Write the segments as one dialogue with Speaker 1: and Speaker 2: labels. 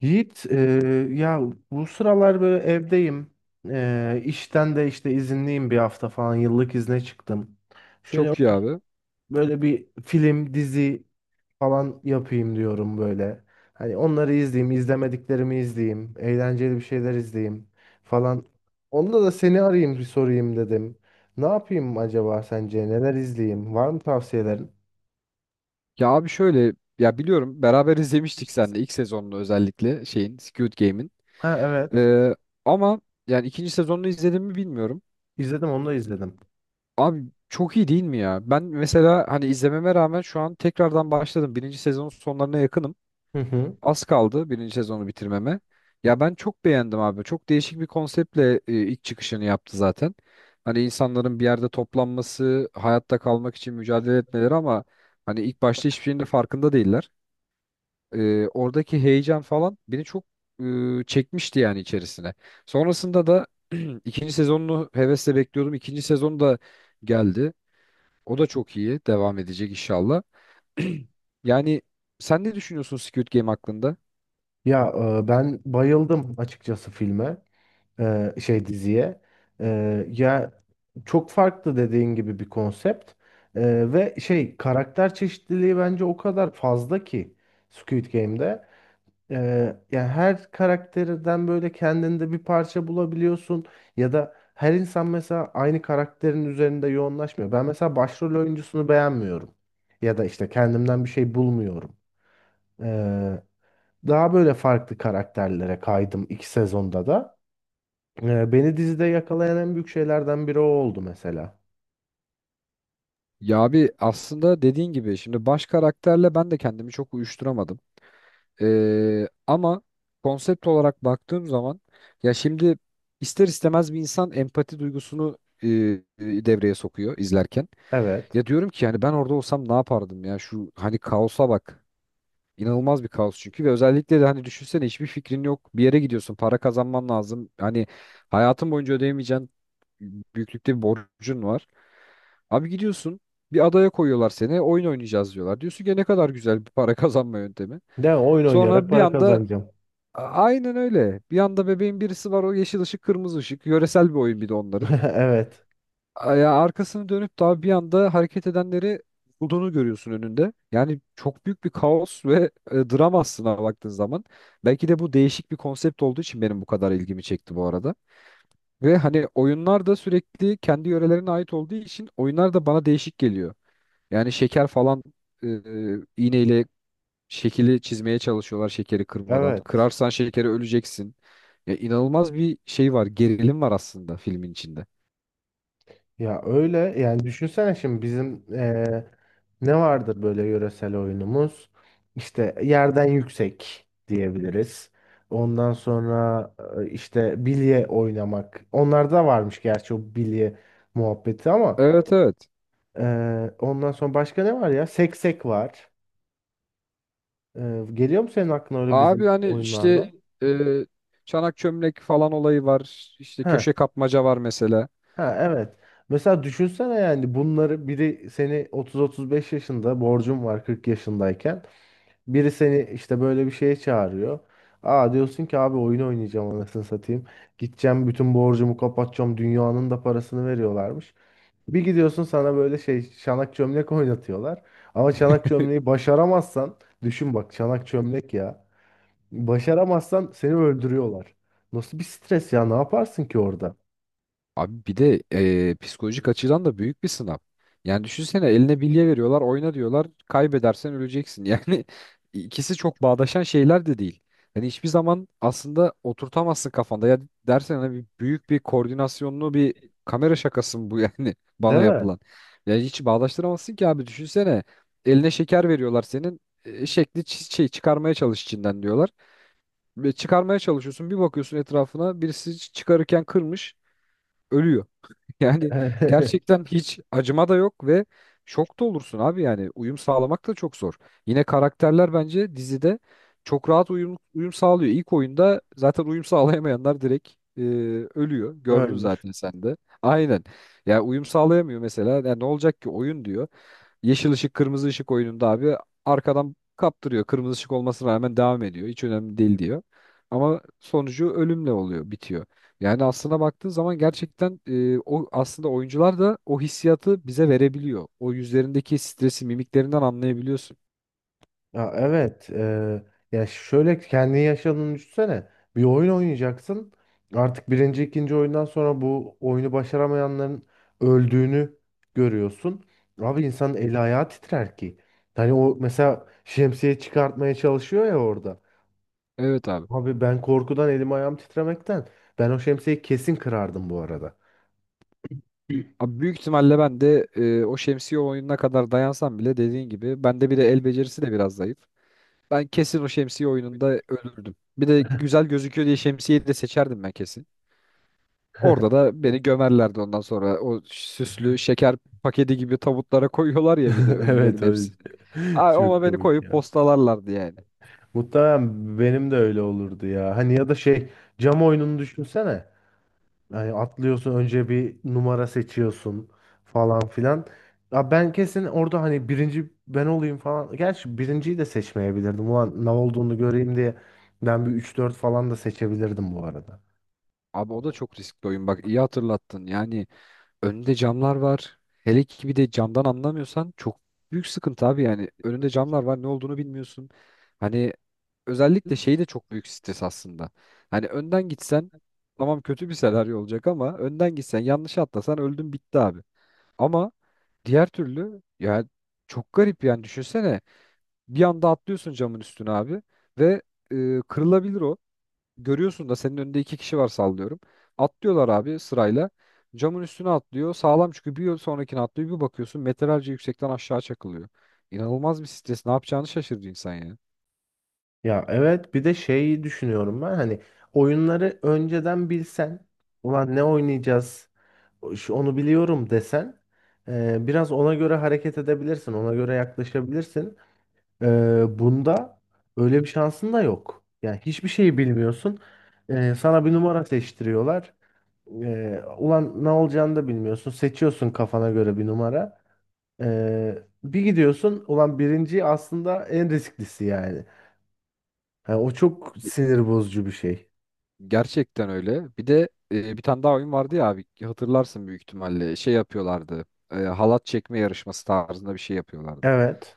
Speaker 1: Yiğit, ya bu sıralar böyle evdeyim. E, işten de işte izinliyim bir hafta falan yıllık izne çıktım. Şöyle
Speaker 2: Çok iyi
Speaker 1: oturup
Speaker 2: abi.
Speaker 1: böyle bir film, dizi falan yapayım diyorum böyle. Hani onları izleyeyim, izlemediklerimi izleyeyim, eğlenceli bir şeyler izleyeyim falan. Onda da seni arayayım bir sorayım dedim. Ne yapayım acaba sence? Neler izleyeyim? Var mı tavsiyelerin?
Speaker 2: Ya abi şöyle ya biliyorum beraber izlemiştik seninle ilk sezonunu özellikle şeyin Squid Game'in.
Speaker 1: Ha, evet.
Speaker 2: Ee, ama yani ikinci sezonunu izlediğimi bilmiyorum.
Speaker 1: İzledim, onu da izledim.
Speaker 2: Abi çok iyi değil mi ya? Ben mesela hani izlememe rağmen şu an tekrardan başladım. Birinci sezonun sonlarına yakınım.
Speaker 1: Hı hı.
Speaker 2: Az kaldı birinci sezonu bitirmeme. Ya ben çok beğendim abi. Çok değişik bir konseptle ilk çıkışını yaptı zaten. Hani insanların bir yerde toplanması, hayatta kalmak için mücadele etmeleri ama hani ilk başta hiçbir şeyin de farkında değiller. Oradaki heyecan falan beni çok çekmişti yani içerisine. Sonrasında da ikinci sezonunu hevesle bekliyordum. İkinci sezon da geldi. O da çok iyi. Devam edecek inşallah. Yani sen ne düşünüyorsun Squid Game hakkında?
Speaker 1: Ya, ben bayıldım açıkçası filme, diziye. Ya çok farklı dediğin gibi bir konsept. Ve şey, karakter çeşitliliği bence o kadar fazla ki Squid Game'de. E, Yani her karakterden böyle kendinde bir parça bulabiliyorsun, ya da her insan mesela aynı karakterin üzerinde yoğunlaşmıyor. Ben mesela başrol oyuncusunu beğenmiyorum, ya da işte kendimden bir şey bulmuyorum. Daha böyle farklı karakterlere kaydım 2 sezonda da. Beni dizide yakalayan en büyük şeylerden biri o oldu mesela.
Speaker 2: Ya abi aslında dediğin gibi şimdi baş karakterle ben de kendimi çok uyuşturamadım. Ama konsept olarak baktığım zaman ya şimdi ister istemez bir insan empati duygusunu e, e, devreye sokuyor izlerken.
Speaker 1: Evet.
Speaker 2: Ya diyorum ki yani ben orada olsam ne yapardım ya şu hani kaosa bak. İnanılmaz bir kaos çünkü ve özellikle de hani düşünsene hiçbir fikrin yok. Bir yere gidiyorsun, para kazanman lazım. Hani hayatın boyunca ödeyemeyeceğin büyüklükte bir borcun var. Abi gidiyorsun bir adaya koyuyorlar seni oyun oynayacağız diyorlar. Diyorsun ki ne kadar güzel bir para kazanma yöntemi.
Speaker 1: De oyun oynayarak
Speaker 2: Sonra bir
Speaker 1: para
Speaker 2: anda
Speaker 1: kazanacağım.
Speaker 2: aynen öyle. Bir anda bebeğin birisi var o yeşil ışık kırmızı ışık. Yöresel bir oyun bir de onların
Speaker 1: Evet.
Speaker 2: ya arkasını dönüp daha bir anda hareket edenleri bulduğunu görüyorsun önünde. Yani çok büyük bir kaos ve dram aslında baktığın zaman. Belki de bu değişik bir konsept olduğu için benim bu kadar ilgimi çekti bu arada. Ve hani oyunlar da sürekli kendi yörelerine ait olduğu için oyunlar da bana değişik geliyor. Yani şeker falan iğneyle şekili çizmeye çalışıyorlar şekeri kırmadan.
Speaker 1: Evet.
Speaker 2: Kırarsan şekeri öleceksin. Ya inanılmaz bir şey var, gerilim var aslında filmin içinde.
Speaker 1: Ya, öyle yani. Düşünsene şimdi bizim ne vardır böyle yöresel oyunumuz? İşte yerden yüksek diyebiliriz. Ondan sonra işte bilye oynamak. Onlarda varmış gerçi o bilye muhabbeti ama
Speaker 2: Evet evet.
Speaker 1: ondan sonra başka ne var ya? Seksek var. Geliyor mu senin aklına öyle
Speaker 2: Abi
Speaker 1: bizim
Speaker 2: hani işte
Speaker 1: oyunlardan?
Speaker 2: e, çanak çömlek falan olayı var. İşte
Speaker 1: Ha,
Speaker 2: köşe kapmaca var mesela.
Speaker 1: ha, evet. Mesela düşünsene, yani bunları biri seni 30-35 yaşında, borcun var 40 yaşındayken. Biri seni işte böyle bir şeye çağırıyor. Aa, diyorsun ki abi oyun oynayacağım, anasını satayım. Gideceğim, bütün borcumu kapatacağım. Dünyanın da parasını veriyorlarmış. Bir gidiyorsun, sana böyle şey, çanak çömlek oynatıyorlar. Ama çanak çömleği başaramazsan, düşün bak, çanak çömlek ya. Başaramazsan seni öldürüyorlar. Nasıl bir stres ya, ne yaparsın ki orada?
Speaker 2: Abi bir de psikolojik açıdan da büyük bir sınav. Yani düşünsene eline bilye veriyorlar, oyna diyorlar. Kaybedersen öleceksin. Yani ikisi çok bağdaşan şeyler de değil. Hani hiçbir zaman aslında oturtamazsın kafanda. Ya dersen hani büyük bir koordinasyonlu bir kamera şakası mı bu yani
Speaker 1: Değil
Speaker 2: bana
Speaker 1: mi?
Speaker 2: yapılan. Yani hiç bağdaştıramazsın ki abi düşünsene. Eline şeker veriyorlar senin. Şekli şey çıkarmaya çalış içinden diyorlar. Ve çıkarmaya çalışıyorsun. Bir bakıyorsun etrafına birisi çıkarırken kırmış, ölüyor. Yani gerçekten hiç acıma da yok ve şok da olursun abi yani uyum sağlamak da çok zor. Yine karakterler bence dizide çok rahat uyum sağlıyor. İlk oyunda zaten uyum sağlayamayanlar direkt e, ölüyor. Gördün
Speaker 1: Ölmüş.
Speaker 2: zaten sen de. Aynen. Ya uyum sağlayamıyor mesela. Ya ne olacak ki oyun diyor. Yeşil ışık kırmızı ışık oyununda abi arkadan kaptırıyor. Kırmızı ışık olmasına rağmen devam ediyor. Hiç önemli değil diyor. Ama sonucu ölümle oluyor, bitiyor. Yani aslına baktığın zaman gerçekten o aslında oyuncular da o hissiyatı bize verebiliyor. O yüzlerindeki stresi mimiklerinden anlayabiliyorsun.
Speaker 1: Ya, evet. Ya, şöyle kendi yaşadığını düşünsene. Bir oyun oynayacaksın. Artık birinci, ikinci oyundan sonra bu oyunu başaramayanların öldüğünü görüyorsun. Abi, insanın eli ayağı titrer ki. Hani o mesela şemsiye çıkartmaya çalışıyor ya orada.
Speaker 2: Evet abi.
Speaker 1: Abi, ben korkudan elim ayağım titremekten. Ben o şemsiyeyi kesin kırardım bu arada.
Speaker 2: Abi büyük ihtimalle ben de o şemsiye oyununa kadar dayansam bile dediğin gibi bende bir de el becerisi de biraz zayıf. Ben kesin o şemsiye oyununda ölürdüm. Bir de güzel gözüküyor diye şemsiyeyi de seçerdim ben kesin. Orada da beni gömerlerdi ondan sonra. O süslü şeker paketi gibi tabutlara koyuyorlar ya bir de ölülerin
Speaker 1: Evet, öyle.
Speaker 2: hepsini. Ay,
Speaker 1: Çok
Speaker 2: ona beni
Speaker 1: komik
Speaker 2: koyup
Speaker 1: ya.
Speaker 2: postalarlardı yani.
Speaker 1: Muhtemelen benim de öyle olurdu ya. Hani, ya da şey, cam oyununu düşünsene. Yani atlıyorsun, önce bir numara seçiyorsun falan filan. Ya, ben kesin orada hani birinci ben olayım falan. Gerçi birinciyi de seçmeyebilirdim. Ulan ne olduğunu göreyim diye ben bir üç dört falan da seçebilirdim bu arada.
Speaker 2: Abi o da çok riskli oyun bak iyi hatırlattın. Yani önünde camlar var. Hele ki bir de camdan anlamıyorsan çok büyük sıkıntı abi yani. Önünde camlar var ne olduğunu bilmiyorsun. Hani özellikle şey de çok büyük stres aslında. Hani önden gitsen tamam kötü bir senaryo olacak ama önden gitsen yanlış atlasan öldün bitti abi. Ama diğer türlü ya çok garip yani düşünsene bir anda atlıyorsun camın üstüne abi ve kırılabilir o. Görüyorsun da senin önünde iki kişi var sallıyorum. Atlıyorlar abi sırayla. Camın üstüne atlıyor. Sağlam çünkü bir yol sonrakine atlıyor. Bir bakıyorsun metrelerce yüksekten aşağı çakılıyor. İnanılmaz bir stres. Ne yapacağını şaşırdı insan ya.
Speaker 1: Ya, evet. Bir de şeyi düşünüyorum ben, hani oyunları önceden bilsen, ulan ne oynayacağız, onu biliyorum desen, biraz ona göre hareket edebilirsin, ona göre yaklaşabilirsin. Bunda öyle bir şansın da yok. Yani hiçbir şeyi bilmiyorsun. Sana bir numara seçtiriyorlar. Ulan ne olacağını da bilmiyorsun. Seçiyorsun kafana göre bir numara. Bir gidiyorsun. Ulan birinci aslında en risklisi yani. Yani o çok
Speaker 2: Ge-
Speaker 1: sinir bozucu bir şey.
Speaker 2: Gerçekten öyle. Bir de bir tane daha oyun vardı ya abi hatırlarsın büyük ihtimalle. Şey yapıyorlardı. Halat çekme yarışması tarzında bir şey yapıyorlardı.
Speaker 1: Evet.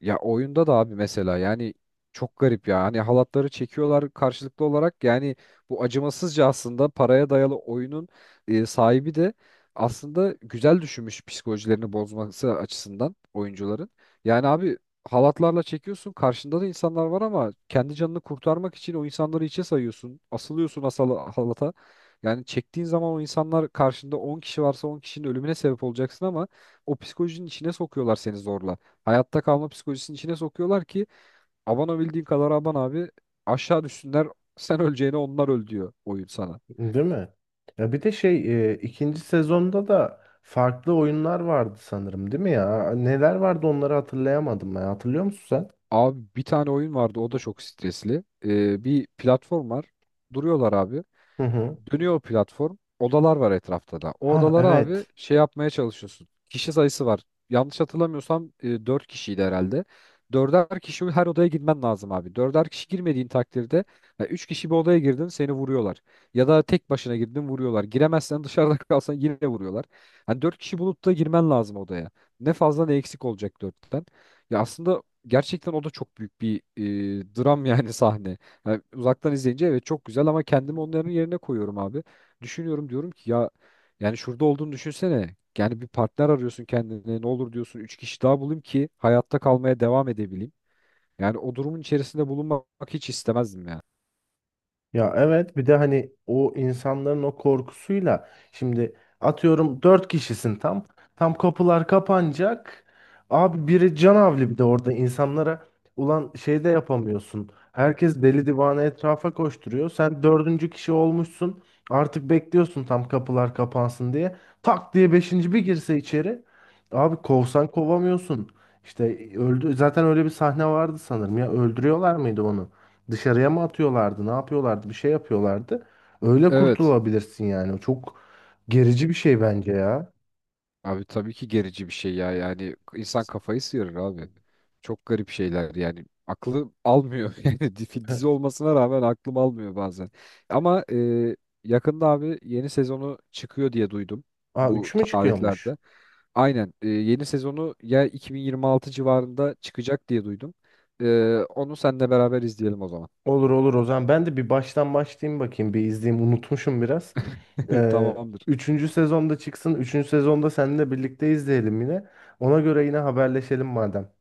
Speaker 2: Ya oyunda da abi mesela yani çok garip ya. Hani halatları çekiyorlar karşılıklı olarak. Yani bu acımasızca aslında paraya dayalı oyunun sahibi de aslında güzel düşünmüş psikolojilerini bozması açısından oyuncuların. Yani abi halatlarla çekiyorsun karşında da insanlar var ama kendi canını kurtarmak için o insanları içe sayıyorsun. Asılıyorsun asal halata. Yani çektiğin zaman o insanlar karşında 10 kişi varsa 10 kişinin ölümüne sebep olacaksın ama o psikolojinin içine sokuyorlar seni zorla. Hayatta kalma psikolojisinin içine sokuyorlar ki aban o bildiğin kadar aban abi aşağı düşsünler sen öleceğine onlar öl diyor oyun sana.
Speaker 1: Değil mi? Ya, bir de şey, ikinci sezonda da farklı oyunlar vardı sanırım, değil mi ya? Neler vardı, onları hatırlayamadım ben. Hatırlıyor musun sen?
Speaker 2: Abi bir tane oyun vardı o da çok stresli. Bir platform var duruyorlar abi.
Speaker 1: Hı hı.
Speaker 2: Dönüyor o platform. Odalar var etrafta da. O
Speaker 1: Ha,
Speaker 2: odalara abi
Speaker 1: evet.
Speaker 2: şey yapmaya çalışıyorsun. Kişi sayısı var. Yanlış hatırlamıyorsam 4 kişiydi herhalde. Dörder kişi her odaya girmen lazım abi. Dörder kişi girmediğin takdirde ya üç kişi bir odaya girdin seni vuruyorlar. Ya da tek başına girdin vuruyorlar. Giremezsen dışarıda kalsan yine vuruyorlar. Hani dört kişi bulup da girmen lazım odaya. Ne fazla ne eksik olacak dörtten. Ya aslında gerçekten o da çok büyük bir dram yani sahne. Yani uzaktan izleyince evet çok güzel ama kendimi onların yerine koyuyorum abi. Düşünüyorum diyorum ki ya yani şurada olduğunu düşünsene. Yani bir partner arıyorsun kendine ne olur diyorsun 3 kişi daha bulayım ki hayatta kalmaya devam edebileyim. Yani o durumun içerisinde bulunmak hiç istemezdim yani.
Speaker 1: Ya, evet. Bir de hani o insanların o korkusuyla şimdi, atıyorum, 4 kişisin tam. Tam kapılar kapanacak. Abi biri canavli, bir de orada insanlara, ulan şey de yapamıyorsun. Herkes deli divane etrafa koşturuyor. Sen 4. kişi olmuşsun. Artık bekliyorsun tam kapılar kapansın diye. Tak diye beşinci bir girse içeri. Abi kovsan kovamıyorsun. İşte öldü. Zaten öyle bir sahne vardı sanırım ya. Öldürüyorlar mıydı onu? Dışarıya mı atıyorlardı? Ne yapıyorlardı? Bir şey yapıyorlardı. Öyle
Speaker 2: Evet.
Speaker 1: kurtulabilirsin yani, o çok gerici bir şey bence ya.
Speaker 2: Abi tabii ki gerici bir şey ya. Yani insan kafayı sıyırır abi. Çok garip şeyler yani. Aklı almıyor. Yani dizi dizi olmasına rağmen aklım almıyor bazen. Ama yakında abi yeni sezonu çıkıyor diye duydum
Speaker 1: Aa,
Speaker 2: bu
Speaker 1: 3 mü çıkıyormuş?
Speaker 2: tarihlerde. Aynen yeni sezonu ya 2026 civarında çıkacak diye duydum. Onu seninle beraber izleyelim o zaman.
Speaker 1: Olur olur, o zaman ben de bir baştan başlayayım bakayım. Bir izleyeyim, unutmuşum biraz. Ee,
Speaker 2: Tamamdır.
Speaker 1: Üçüncü sezonda çıksın. Üçüncü sezonda seninle birlikte izleyelim yine. Ona göre yine haberleşelim madem.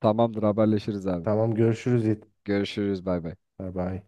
Speaker 2: Tamamdır haberleşiriz abi.
Speaker 1: Tamam, görüşürüz Yiğit.
Speaker 2: Görüşürüz bay bay.
Speaker 1: Bay bay.